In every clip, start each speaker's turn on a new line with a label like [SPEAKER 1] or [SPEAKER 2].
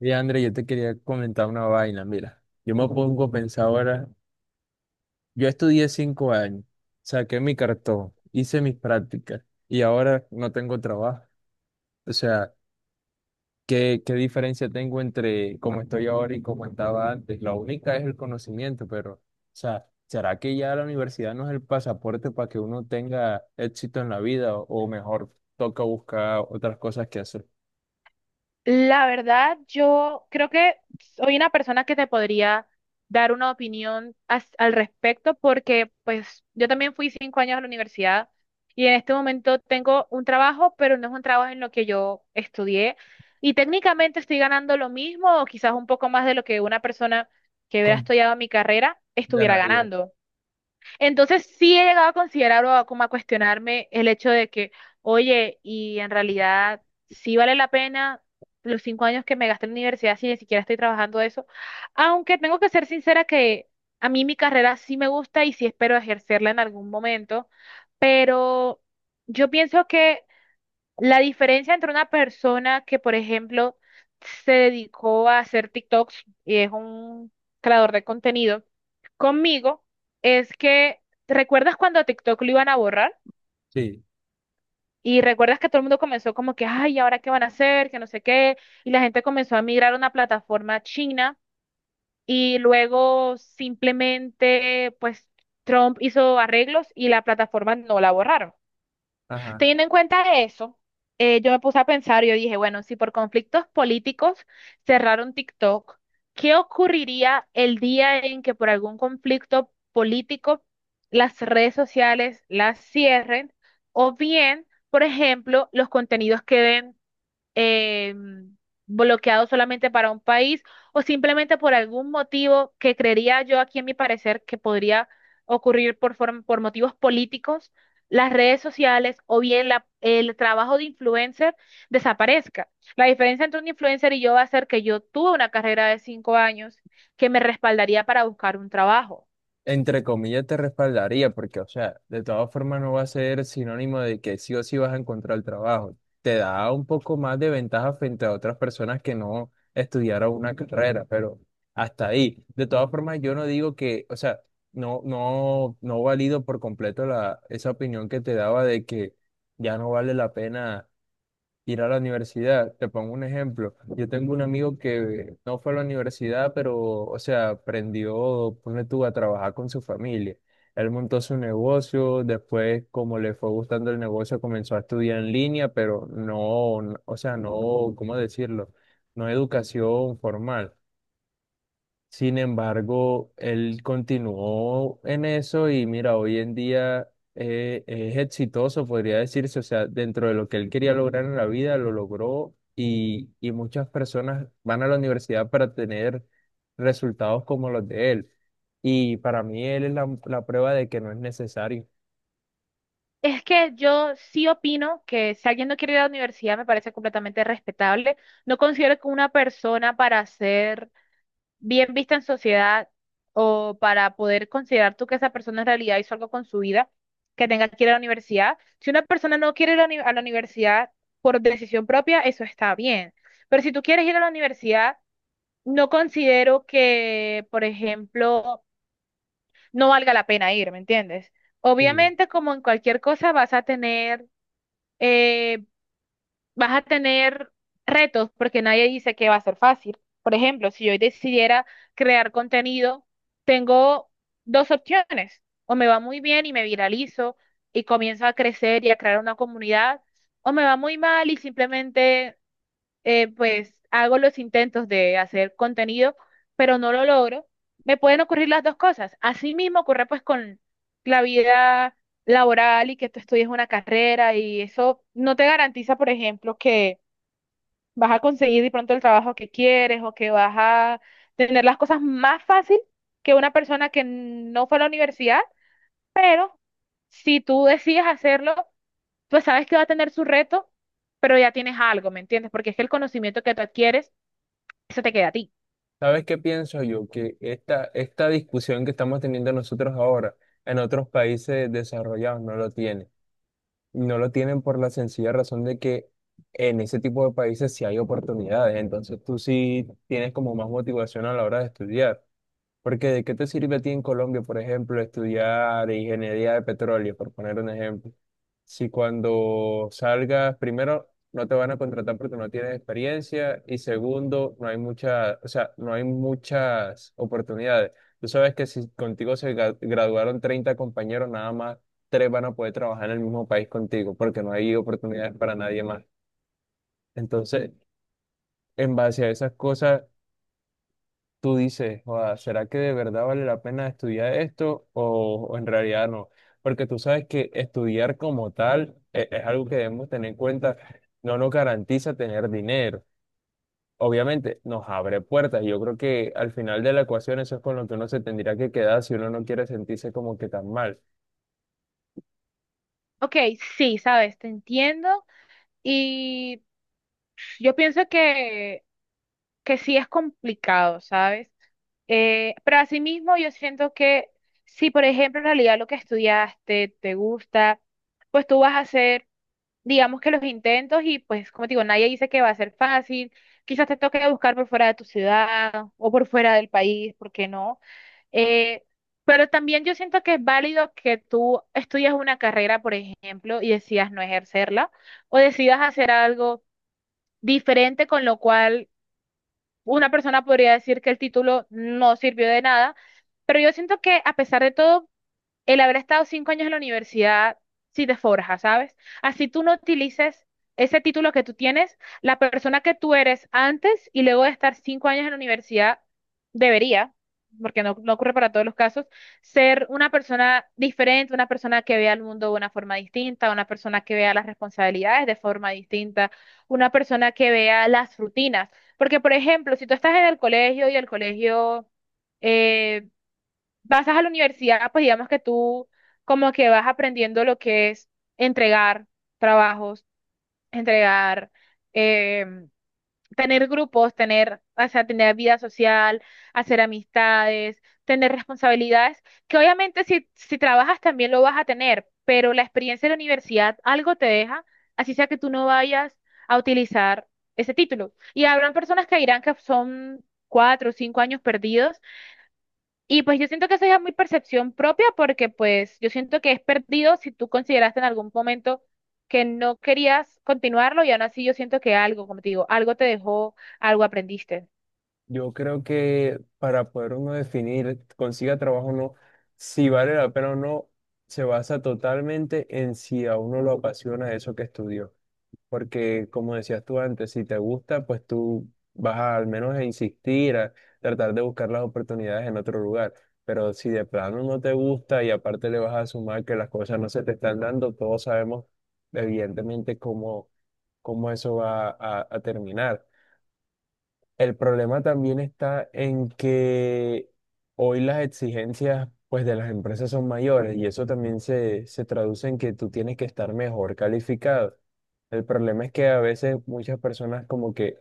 [SPEAKER 1] Y André, yo te quería comentar una vaina, mira, yo me pongo a pensar ahora, yo estudié 5 años, saqué mi cartón, hice mis prácticas y ahora no tengo trabajo. O sea, ¿qué diferencia tengo entre cómo estoy ahora y cómo estaba antes? La única es el conocimiento, pero, o sea, ¿será que ya la universidad no es el pasaporte para que uno tenga éxito en la vida o mejor toca buscar otras cosas que hacer?
[SPEAKER 2] La verdad, yo creo que soy una persona que te podría dar una opinión al respecto porque pues yo también fui 5 años a la universidad y en este momento tengo un trabajo, pero no es un trabajo en lo que yo estudié y técnicamente estoy ganando lo mismo o quizás un poco más de lo que una persona que hubiera
[SPEAKER 1] Con-
[SPEAKER 2] estudiado mi carrera estuviera
[SPEAKER 1] Ganaría.
[SPEAKER 2] ganando. Entonces sí he llegado a considerar como a cuestionarme el hecho de que, oye, y en realidad sí vale la pena los 5 años que me gasté en la universidad si ni siquiera estoy trabajando de eso. Aunque tengo que ser sincera que a mí mi carrera sí me gusta y sí espero ejercerla en algún momento, pero yo pienso que la diferencia entre una persona que, por ejemplo, se dedicó a hacer TikToks y es un creador de contenido conmigo es que, ¿recuerdas cuando a TikTok lo iban a borrar?
[SPEAKER 1] Sí,
[SPEAKER 2] Y recuerdas que todo el mundo comenzó como que, ay, ¿ahora qué van a hacer? Que no sé qué. Y la gente comenzó a migrar a una plataforma china y luego simplemente, pues, Trump hizo arreglos y la plataforma no la borraron.
[SPEAKER 1] ajá.
[SPEAKER 2] Teniendo en cuenta eso, yo me puse a pensar y yo dije, bueno, si por conflictos políticos cerraron TikTok, ¿qué ocurriría el día en que por algún conflicto político las redes sociales las cierren? O bien, por ejemplo, los contenidos queden eh, bloqueado solamente para un país o simplemente por algún motivo que creería yo aquí en mi parecer que podría ocurrir por, por motivos políticos, las redes sociales o bien el trabajo de influencer desaparezca. La diferencia entre un influencer y yo va a ser que yo tuve una carrera de 5 años que me respaldaría para buscar un trabajo.
[SPEAKER 1] Entre comillas, te respaldaría, porque, o sea, de todas formas no va a ser sinónimo de que sí o sí vas a encontrar el trabajo. Te da un poco más de ventaja frente a otras personas que no estudiaron una carrera, pero hasta ahí. De todas formas, yo no digo que, o sea, no, no, no valido por completo esa opinión que te daba de que ya no vale la pena ir a la universidad. Te pongo un ejemplo. Yo tengo un amigo que no fue a la universidad, pero, o sea, aprendió, pone tú, a trabajar con su familia. Él montó su negocio, después, como le fue gustando el negocio, comenzó a estudiar en línea, pero no, o sea, no, ¿cómo decirlo? No educación formal. Sin embargo, él continuó en eso y mira, hoy en día es exitoso, podría decirse, o sea, dentro de lo que él quería lograr en la vida, lo logró y muchas personas van a la universidad para tener resultados como los de él. Y para mí él es la prueba de que no es necesario.
[SPEAKER 2] Es que yo sí opino que si alguien no quiere ir a la universidad me parece completamente respetable. No considero que una persona para ser bien vista en sociedad o para poder considerar tú que esa persona en realidad hizo algo con su vida, que tenga que ir a la universidad. Si una persona no quiere ir a la a la universidad por decisión propia, eso está bien. Pero si tú quieres ir a la universidad, no considero que, por ejemplo, no valga la pena ir, ¿me entiendes?
[SPEAKER 1] Sí.
[SPEAKER 2] Obviamente, como en cualquier cosa, eh, vas a tener retos porque nadie dice que va a ser fácil. Por ejemplo, si yo decidiera crear contenido, tengo dos opciones. O me va muy bien y me viralizo y comienzo a crecer y a crear una comunidad, o me va muy mal y simplemente pues hago los intentos de hacer contenido, pero no lo logro, me pueden ocurrir las dos cosas. Así mismo ocurre pues con la vida laboral y que tú estudies una carrera y eso no te garantiza, por ejemplo, que vas a conseguir de pronto el trabajo que quieres o que vas a tener las cosas más fácil que una persona que no fue a la universidad, pero si tú decides hacerlo, pues sabes que va a tener su reto, pero ya tienes algo, ¿me entiendes? Porque es que el conocimiento que tú adquieres eso te queda a ti.
[SPEAKER 1] ¿Sabes qué pienso yo? Que esta discusión que estamos teniendo nosotros ahora en otros países desarrollados no lo tiene. No lo tienen por la sencilla razón de que en ese tipo de países sí hay oportunidades, entonces tú sí tienes como más motivación a la hora de estudiar. Porque ¿de qué te sirve a ti en Colombia, por ejemplo, estudiar ingeniería de petróleo, por poner un ejemplo? Si cuando salgas, primero, no te van a contratar porque no tienes experiencia y segundo, no hay mucha, o sea, no hay muchas oportunidades. Tú sabes que si contigo se graduaron 30 compañeros, nada más tres van a poder trabajar en el mismo país contigo porque no hay oportunidades para nadie más. Entonces, en base a esas cosas tú dices, "Joda, ¿será que de verdad vale la pena estudiar esto o en realidad no? Porque tú sabes que estudiar como tal es, algo que debemos tener en cuenta, no nos garantiza tener dinero. Obviamente nos abre puertas. Yo creo que al final de la ecuación eso es con lo que uno se tendría que quedar si uno no quiere sentirse como que tan mal.
[SPEAKER 2] Ok, sí, sabes, te entiendo. Y yo pienso que sí es complicado, ¿sabes? Pero asimismo, yo siento que si, por ejemplo, en realidad lo que estudiaste te gusta, pues tú vas a hacer, digamos que los intentos y pues, como te digo, nadie dice que va a ser fácil. Quizás te toque buscar por fuera de tu ciudad o por fuera del país, ¿por qué no? Eh, pero también yo siento que es válido que tú estudias una carrera, por ejemplo, y decidas no ejercerla, o decidas hacer algo diferente, con lo cual una persona podría decir que el título no sirvió de nada, pero yo siento que a pesar de todo, el haber estado 5 años en la universidad sí te forja, ¿sabes? Así tú no utilices ese título que tú tienes, la persona que tú eres antes y luego de estar 5 años en la universidad debería, porque no, no ocurre para todos los casos, ser una persona diferente, una persona que vea el mundo de una forma distinta, una persona que vea las responsabilidades de forma distinta, una persona que vea las rutinas. Porque, por ejemplo, si tú estás en el colegio y el colegio eh, vas a la universidad, pues digamos que tú como que vas aprendiendo lo que es entregar trabajos, entregar, eh, tener grupos, tener, o sea, tener vida social, hacer amistades, tener responsabilidades, que obviamente si, si trabajas también lo vas a tener, pero la experiencia de la universidad algo te deja, así sea que tú no vayas a utilizar ese título. Y habrán personas que dirán que son 4 o 5 años perdidos y pues yo siento que eso ya es muy percepción propia porque pues yo siento que es perdido si tú consideraste en algún momento que no querías continuarlo y aún así yo siento que algo, como te digo, algo te dejó, algo aprendiste.
[SPEAKER 1] Yo creo que para poder uno definir, consiga trabajo o no, si vale la pena o no, se basa totalmente en si a uno lo apasiona eso que estudió. Porque como decías tú antes, si te gusta, pues tú vas a, al menos a insistir, a tratar de buscar las oportunidades en otro lugar. Pero si de plano no te gusta y aparte le vas a sumar que las cosas no se te están dando, todos sabemos evidentemente cómo eso va a terminar. El problema también está en que hoy las exigencias pues de las empresas son mayores y eso también se traduce en que tú tienes que estar mejor calificado. El problema es que a veces muchas personas como que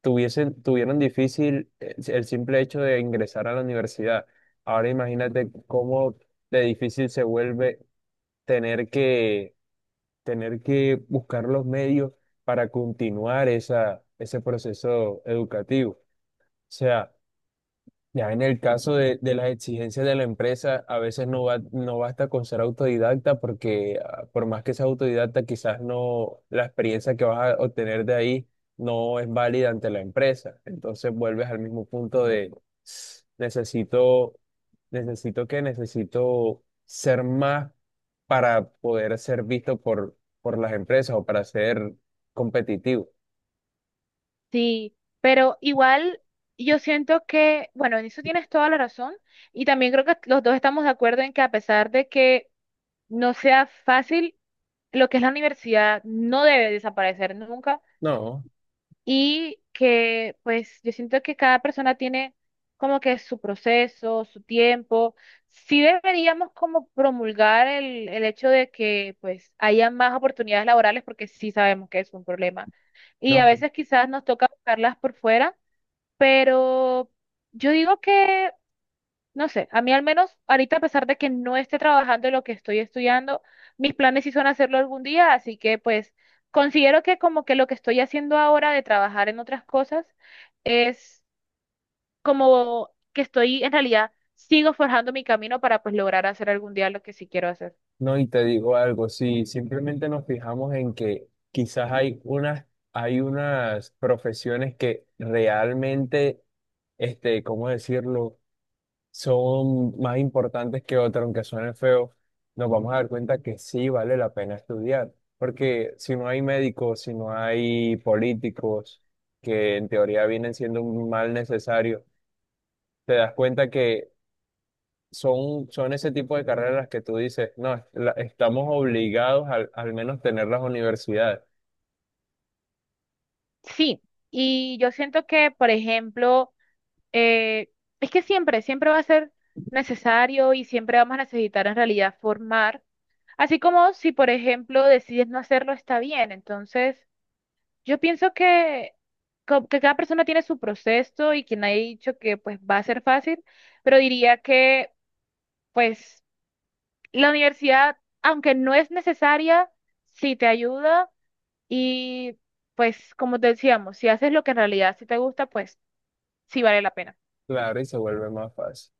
[SPEAKER 1] tuvieron difícil el simple hecho de ingresar a la universidad. Ahora imagínate cómo de difícil se vuelve tener que, tener que buscar los medios para continuar ese proceso educativo. O sea, ya en el caso de las exigencias de la empresa, a veces no basta con ser autodidacta porque por más que seas autodidacta, quizás no la experiencia que vas a obtener de ahí no es válida ante la empresa. Entonces vuelves al mismo punto de "Ss, necesito, necesito que necesito ser más para poder ser visto por las empresas o para ser competitivo.
[SPEAKER 2] Sí, pero igual yo siento que, bueno, en eso tienes toda la razón y también creo que los dos estamos de acuerdo en que a pesar de que no sea fácil, lo que es la universidad no debe desaparecer nunca
[SPEAKER 1] No,
[SPEAKER 2] y que pues yo siento que cada persona tiene como que su proceso, su tiempo. Sí deberíamos como promulgar el hecho de que pues haya más oportunidades laborales porque sí sabemos que es un problema. Y
[SPEAKER 1] no.
[SPEAKER 2] a veces quizás nos toca buscarlas por fuera, pero yo digo que no sé, a mí al menos ahorita a pesar de que no esté trabajando en lo que estoy estudiando, mis planes sí son hacerlo algún día, así que pues considero que como que lo que estoy haciendo ahora de trabajar en otras cosas es como que estoy en realidad sigo forjando mi camino para pues lograr hacer algún día lo que sí quiero hacer.
[SPEAKER 1] No, y te digo algo, si simplemente nos fijamos en que quizás hay unas profesiones que realmente, ¿cómo decirlo?, son más importantes que otras, aunque suenen feo, nos vamos a dar cuenta que sí vale la pena estudiar. Porque si no hay médicos, si no hay políticos, que en teoría vienen siendo un mal necesario, te das cuenta que son ese tipo de carreras que tú dices, no, estamos obligados al menos tener las universidades.
[SPEAKER 2] Sí, y yo siento que, por ejemplo, eh, es que siempre, siempre va a ser necesario y siempre vamos a necesitar en realidad formar. Así como si, por ejemplo, decides no hacerlo, está bien. Entonces, yo pienso que, que cada persona tiene su proceso y quien ha dicho que pues va a ser fácil, pero diría que pues la universidad, aunque no es necesaria, sí te ayuda y pues como te decíamos, si haces lo que en realidad sí te gusta, pues sí vale la pena.
[SPEAKER 1] Claro, y se vuelve más fácil.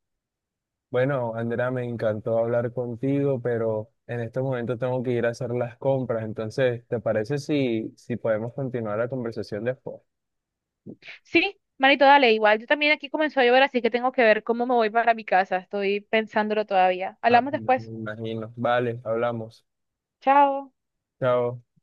[SPEAKER 1] Bueno, Andrea, me encantó hablar contigo, pero en este momento tengo que ir a hacer las compras. Entonces, ¿te parece si podemos continuar la conversación después?
[SPEAKER 2] Sí, manito, dale, igual. Yo también aquí comenzó a llover, así que tengo que ver cómo me voy para mi casa. Estoy pensándolo todavía.
[SPEAKER 1] Ah,
[SPEAKER 2] Hablamos
[SPEAKER 1] me
[SPEAKER 2] después.
[SPEAKER 1] imagino. Vale, hablamos.
[SPEAKER 2] Chao.
[SPEAKER 1] Chao.